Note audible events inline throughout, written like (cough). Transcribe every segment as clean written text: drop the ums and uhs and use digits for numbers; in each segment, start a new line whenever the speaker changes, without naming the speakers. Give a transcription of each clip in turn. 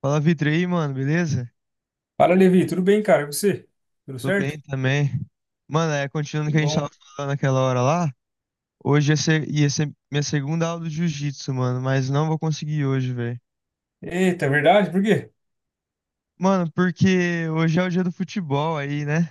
Fala, Vitor, e aí, mano, beleza?
Fala, Levi, tudo bem, cara? E você? Tudo
Tô
certo?
bem também. Mano, continuando o
Que
que a gente
bom.
tava falando naquela hora lá, ia ser minha segunda aula do jiu-jitsu, mano, mas não vou conseguir hoje, velho.
Eita, é verdade? Por quê?
Mano, porque hoje é o dia do futebol aí, né?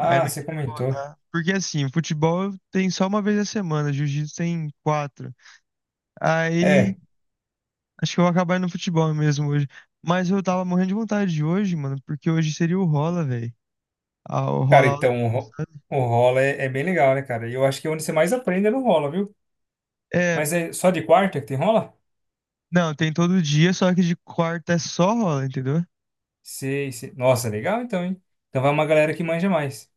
Aí eu não
você
queria
comentou.
faltar. Porque assim, futebol tem só uma vez a semana, jiu-jitsu tem quatro. Aí
É,
acho que eu vou acabar indo no futebol mesmo hoje. Mas eu tava morrendo de vontade de hoje, mano, porque hoje seria o rola, velho. Ah, o
cara,
rola.
então o rola é bem legal, né, cara? E eu acho que é onde você mais aprende é no rola, viu?
É.
Mas é só de quarta que tem rola?
Não, tem todo dia, só que de quarta é só rola, entendeu?
Sei, sei. Nossa, legal então, hein? Então vai uma galera que manja mais.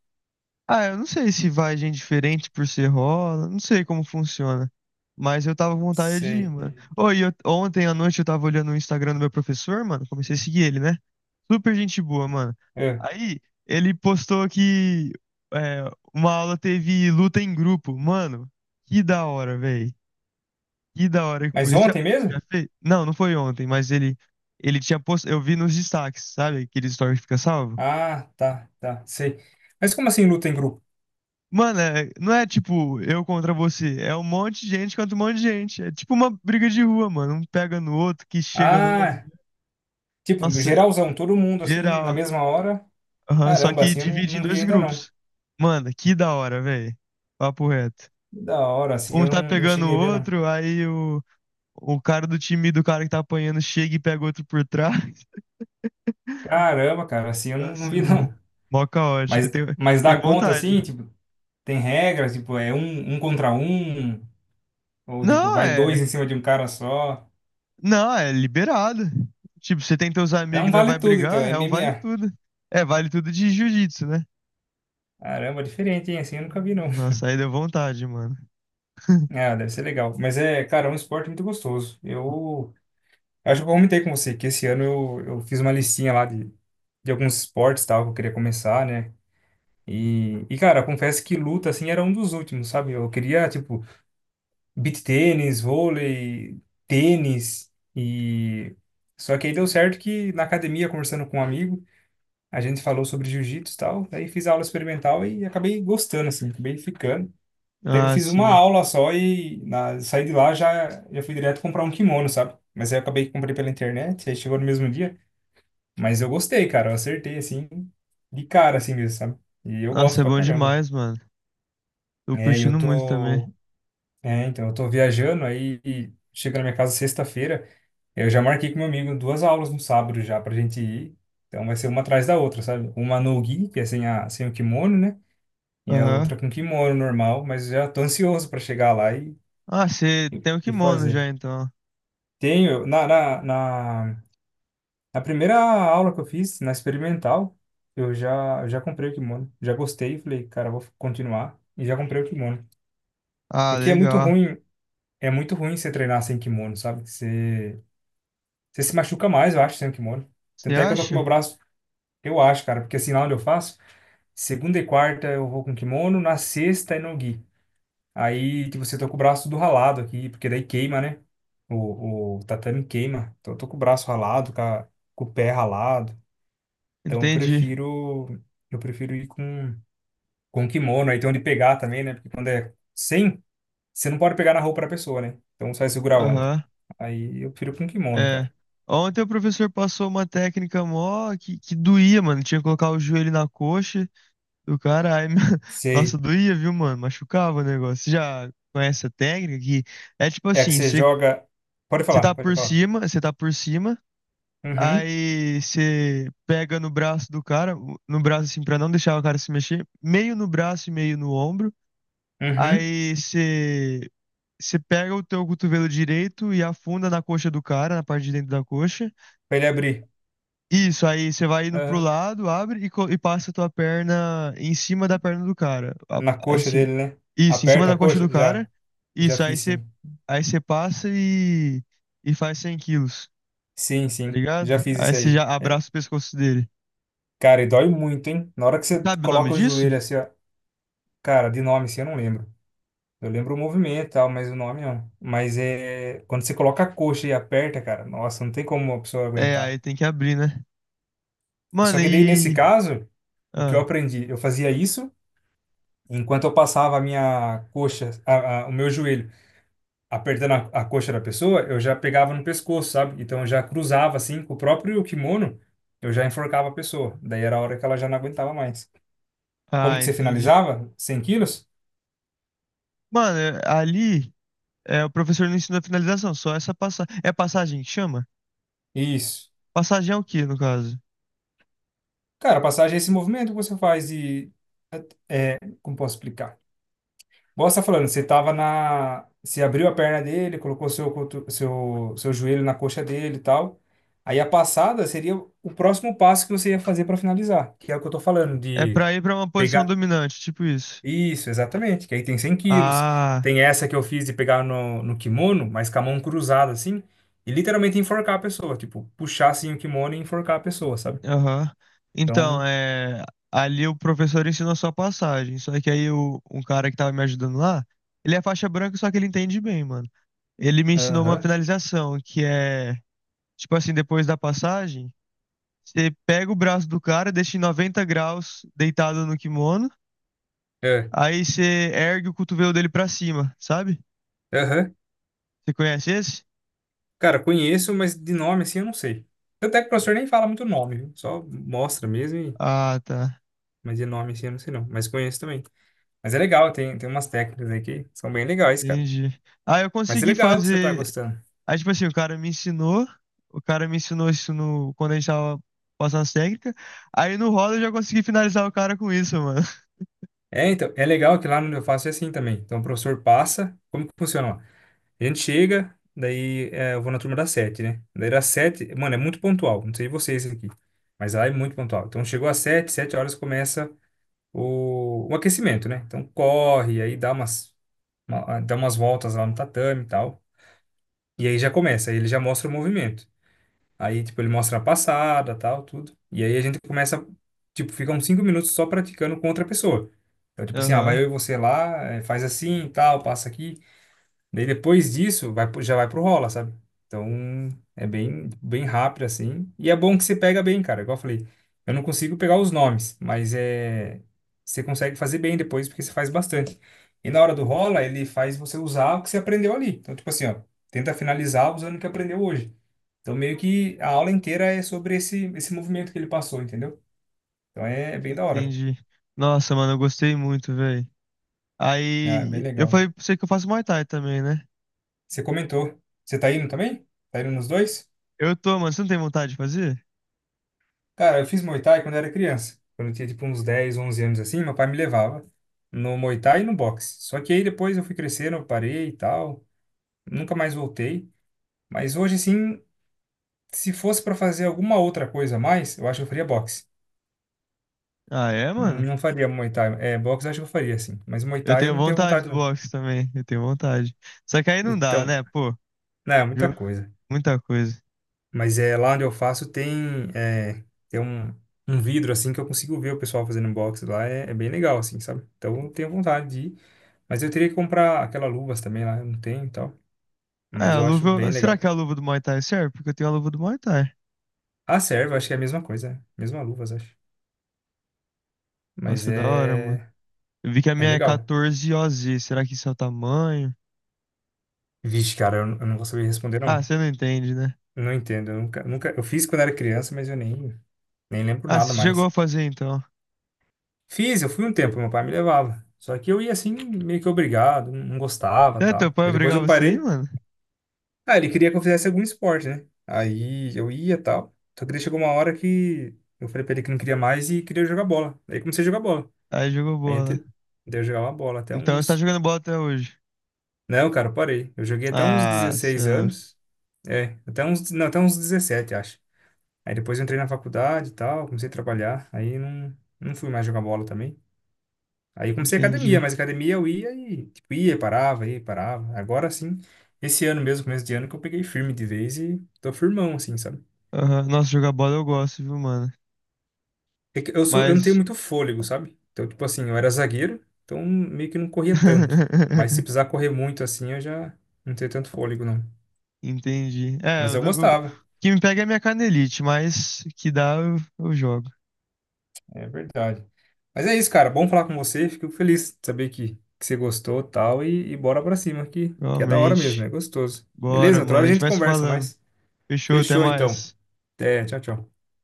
Ah, eu não sei se vai gente diferente por ser rola, não sei como funciona. Mas eu tava com vontade de ir,
Sei.
mano. Ô, ontem à noite eu tava olhando o Instagram do meu professor, mano. Comecei a seguir ele, né? Super gente boa, mano.
É.
Aí, ele postou que é, uma aula teve luta em grupo. Mano, que da hora, velho. Que da hora que
Mas
foi. Já,
ontem
já
mesmo?
fez? Não, não foi ontem, mas ele tinha postado. Eu vi nos destaques, sabe? Aqueles stories que fica salvo.
Ah, tá, tá, sei. Mas como assim luta em grupo?
Mano, não é tipo eu contra você, é um monte de gente contra um monte de gente. É tipo uma briga de rua, mano. Um pega no outro, que chega no outro.
Ah, tipo,
Nossa,
geralzão, todo mundo assim, na
geral.
mesma hora?
Aham, só
Caramba,
que
assim eu não,
divide em
não vi
dois
ainda não.
grupos. Mano, que da hora, velho. Papo reto.
Da hora, assim,
Um
eu
tá
não
pegando o
cheguei a ver, não.
outro, o cara do time do cara que tá apanhando chega e pega o outro por trás. (laughs)
Caramba, cara, assim, eu não
Nossa,
vi, (laughs)
mano.
não.
Mó caótico.
Mas, mas dá
Tenho
conta, assim,
vontade.
tipo, tem regras, tipo, é um contra um, ou, tipo,
Não,
vai dois
é.
em cima de um cara só.
Não, é liberado. Tipo, você tem teus
É
amigos
um
e não
vale
vai
tudo, então,
brigar,
é
é um vale
MMA.
tudo. É, vale tudo de jiu-jitsu, né?
Caramba, diferente, hein, assim, eu nunca vi, não.
Nossa, aí deu vontade, mano.
Ah, deve ser legal. Mas é, cara, é um esporte muito gostoso. Eu acho que eu comentei com você que esse ano eu fiz uma listinha lá de alguns esportes, tal, que eu queria começar, né? E, cara, confesso que luta, assim, era um dos últimos, sabe? Eu queria, tipo, beach tênis, vôlei, tênis e só que aí deu certo que na academia conversando com um amigo, a gente falou sobre jiu-jitsu e tal, aí fiz aula experimental e acabei gostando assim, acabei ficando. Até que eu
Ah,
fiz uma
sim.
aula só saí de lá já fui direto comprar um kimono, sabe? Mas aí eu acabei que comprei pela internet, aí chegou no mesmo dia, mas eu gostei, cara, eu acertei assim de cara assim mesmo, sabe? E eu
Nossa,
gosto
é
pra
bom
caramba.
demais, mano. Tô
É,
curtindo muito também.
então eu tô viajando aí e chega na minha casa sexta-feira. Eu já marquei com meu amigo duas aulas no sábado já pra gente ir. Então vai ser uma atrás da outra, sabe? Uma no gi, que é sem o kimono, né? E a
Aham.
outra com kimono normal, mas já tô ansioso pra chegar lá e,
Ah, você tem o
e
kimono já,
fazer.
então.
Tenho, na primeira aula que eu fiz, na experimental, eu já comprei o kimono. Já gostei, falei, cara, vou continuar. E já comprei o kimono.
Ah,
Porque
legal.
é muito ruim você treinar sem kimono, sabe? Você se machuca mais, eu acho, sem o kimono.
Você
Tanto é que eu tô com meu
acha?
braço. Eu acho, cara, porque assim, lá onde eu faço, segunda e quarta eu vou com kimono, na sexta é no gi. Aí, tipo, você tô com o braço do ralado aqui, porque daí queima, né? O tatame queima. Então eu tô com o braço ralado, com o pé ralado. Então eu
Entendi.
prefiro, eu prefiro ir com kimono. Aí tem onde pegar também, né? Porque quando é sem, você não pode pegar na roupa da pessoa, né? Então você vai segurar onde?
Aham.
Aí eu prefiro com kimono,
É.
cara.
Ontem o professor passou uma técnica mó que doía, mano. Tinha que colocar o joelho na coxa do caralho. (laughs) Nossa,
Sei.
doía, viu, mano? Machucava o negócio. Você já conhece a técnica que é tipo
É que
assim,
você joga. Pode
você tá
falar, pode
por
falar.
cima,
Uhum,
aí você pega no braço do cara, no braço assim, pra não deixar o cara se mexer, meio no braço e meio no ombro,
uhum.
aí você, você pega o teu cotovelo direito e afunda na coxa do cara, na parte de dentro da coxa.
Pra ele abrir.
Isso, aí você vai indo pro
Aham.
lado, abre e passa a tua perna em cima da perna do cara.
Na coxa
Assim,
dele, né?
isso, em cima
Aperta a
da coxa do
coxa? Já,
cara.
já
Isso, aí
fiz,
você,
sim.
aí você passa e faz 100 quilos,
Sim,
tá
sim,
ligado?
já fiz
Aí
isso
você
aí.
já
É,
abraça o pescoço dele.
cara, e dói muito, hein? Na hora que
E
você
sabe o nome
coloca o
disso?
joelho assim, ó, cara, de nome assim eu não lembro. Eu lembro o movimento e tal, mas o nome não. Mas é quando você coloca a coxa e aperta, cara, nossa, não tem como a pessoa
É,
aguentar.
aí tem que abrir, né? Mano,
Só que daí nesse
e.
caso, o que
Ah,
eu aprendi, eu fazia isso enquanto eu passava a minha coxa, o meu joelho apertando a coxa da pessoa, eu já pegava no pescoço, sabe? Então eu já cruzava assim com o próprio kimono, eu já enforcava a pessoa. Daí era a hora que ela já não aguentava mais. Como
ah,
que você
entendi.
finalizava? 100 quilos?
Mano, ali é, o professor não ensina a finalização, só essa passagem. É passagem que chama?
Isso.
Passagem é o quê, no caso?
Cara, a passagem é esse movimento que você faz como posso explicar? Igual você tá falando, você abriu a perna dele, colocou seu cotu- seu seu joelho na coxa dele e tal. Aí a passada seria o próximo passo que você ia fazer para finalizar, que é o que eu tô falando
É
de
pra ir pra uma posição
pegar.
dominante, tipo isso.
Isso, exatamente. Que aí tem 100 quilos.
Ah,
Tem essa que eu fiz de pegar no kimono, mas com a mão cruzada, assim, e literalmente enforcar a pessoa. Tipo, puxar, assim, o kimono e enforcar a pessoa, sabe?
aham. Então,
Então,
é. Ali o professor ensina só passagem. Só que um cara que tava me ajudando lá, ele é faixa branca, só que ele entende bem, mano. Ele me ensinou uma
aham,
finalização, que é, tipo assim, depois da passagem, você pega o braço do cara, deixa em 90 graus deitado no kimono,
é,
aí você ergue o cotovelo dele pra cima, sabe?
aham.
Você conhece esse?
Cara, conheço, mas de nome, assim, eu não sei. Tanto é que o professor nem fala muito nome, viu? Só mostra mesmo,
Ah, tá.
mas de nome, assim, eu não sei não. Mas conheço também. Mas é legal, tem umas técnicas aí que são bem legais, cara.
Entendi. Ah, eu
Mas é
consegui
legal que você tá
fazer.
gostando.
Aí, tipo assim, o cara me ensinou isso no, quando a gente tava passando as técnicas. Aí no roda eu já consegui finalizar o cara com isso, mano. (laughs)
É, então, é legal que lá onde eu faço é assim também. Então, o professor passa. Como que funciona lá? A gente chega, daí eu vou na turma das sete, né? Daí das sete, mano, é muito pontual. Não sei vocês aqui, mas lá é muito pontual. Então chegou às sete, sete horas começa o aquecimento, né? Então corre, aí dá umas voltas lá no tatame e tal. E aí já começa, aí ele já mostra o movimento. Aí, tipo, ele mostra a passada, tal, tudo. E aí a gente começa, tipo, fica uns 5 minutos só praticando com outra pessoa. Então, tipo assim, ah, vai eu
Aham,
e você lá, faz assim, tal, passa aqui. Daí depois disso, já vai pro rola, sabe? Então, é bem, bem rápido assim. E é bom que você pega bem, cara. Igual eu falei, eu não consigo pegar os nomes, mas você consegue fazer bem depois porque você faz bastante. E na hora do rola, ele faz você usar o que você aprendeu ali. Então, tipo assim, ó, tenta finalizar usando o que aprendeu hoje. Então, meio que a aula inteira é sobre esse movimento que ele passou, entendeu? Então, é bem da hora.
entendi. Nossa, mano, eu gostei muito, velho.
Né? É bem
Aí eu
legal.
falei pra você que eu faço Muay Thai também, né?
Você comentou. Você tá indo também? Tá indo nos dois?
Eu tô, mano, você não tem vontade de fazer?
Cara, eu fiz Muay Thai quando era criança. Quando eu tinha tipo uns 10 11 anos assim, meu pai me levava no Muay Thai e no boxe. Só que aí depois eu fui crescendo, eu parei e tal, nunca mais voltei. Mas hoje assim, se fosse pra fazer alguma outra coisa a mais, eu acho que eu faria boxe.
Ah, é,
Não
mano?
não faria Muay Thai. É, boxe eu acho que eu faria assim, mas Muay
Eu
Thai eu
tenho
não tenho
vontade
vontade
do
não.
boxe também, eu tenho vontade. Só que aí não dá,
Então,
né, pô?
não, é muita
Ju-
coisa.
Muita coisa.
Mas é lá onde eu faço tem tem um vidro assim que eu consigo ver o pessoal fazendo boxe lá, é bem legal assim, sabe? Então eu tenho vontade de ir. Mas eu teria que comprar aquelas luvas também lá, eu não tenho e tal. Mas
Ah, a
eu acho bem
luva. Será
legal.
que a luva do Muay Thai serve? Porque eu tenho a luva do Muay Thai.
A serva, acho que é a mesma coisa, né? Mesma luvas, acho. Mas
Nossa, é da hora, mano. Eu vi que a
é
minha é
legal.
14 OZ. Será que isso é o tamanho?
Vixe, cara, eu não vou saber responder,
Ah,
não.
você não entende, né?
Eu não entendo. Eu nunca, nunca... Eu fiz quando era criança, mas eu nem lembro
Ah,
nada
você chegou a
mais.
fazer então.
Fiz, eu fui um tempo, meu pai me levava. Só que eu ia assim, meio que obrigado, não gostava,
É, teu
tal.
pai
Daí depois eu
obrigava você aí,
parei.
mano?
Ah, ele queria que eu fizesse algum esporte, né? Aí eu ia, tal. Só que daí chegou uma hora que eu falei pra ele que não queria mais e queria jogar bola. Daí comecei a jogar bola.
Aí jogou
Aí
bola.
entre- Daí eu jogava bola até
Então você tá
uns.
jogando bola até hoje.
Não, cara, eu parei. Eu joguei até uns
Ah,
16
senhor.
anos. É, até uns. Não, até uns 17 acho. Aí depois eu entrei na faculdade e tal, comecei a trabalhar. Aí não fui mais jogar bola também. Aí eu comecei academia,
Entendi.
mas academia eu ia e tipo, ia, parava, ia, parava. Agora sim, esse ano mesmo, começo de ano, que eu peguei firme de vez e tô firmão, assim, sabe?
Aham. Nossa, jogar bola eu gosto, viu, mano?
É que eu não tenho
Mas.
muito fôlego, sabe? Então, tipo assim, eu era zagueiro, então meio que não corria tanto. Mas se
(laughs)
precisar correr muito assim, eu já não tenho tanto fôlego, não.
Entendi.
Mas eu
O
gostava,
que me pega é a minha canelite, mas que dá eu jogo.
é verdade. Mas é isso, cara. Bom falar com você. Fico feliz de saber que você gostou tal, e bora pra cima, que é da hora mesmo,
Realmente.
é gostoso. Beleza?
Bora,
Outra
mano. A
hora a
gente
gente
vai se
conversa
falando.
mais.
Fechou, até
Fechou, então.
mais.
Até, tchau, tchau.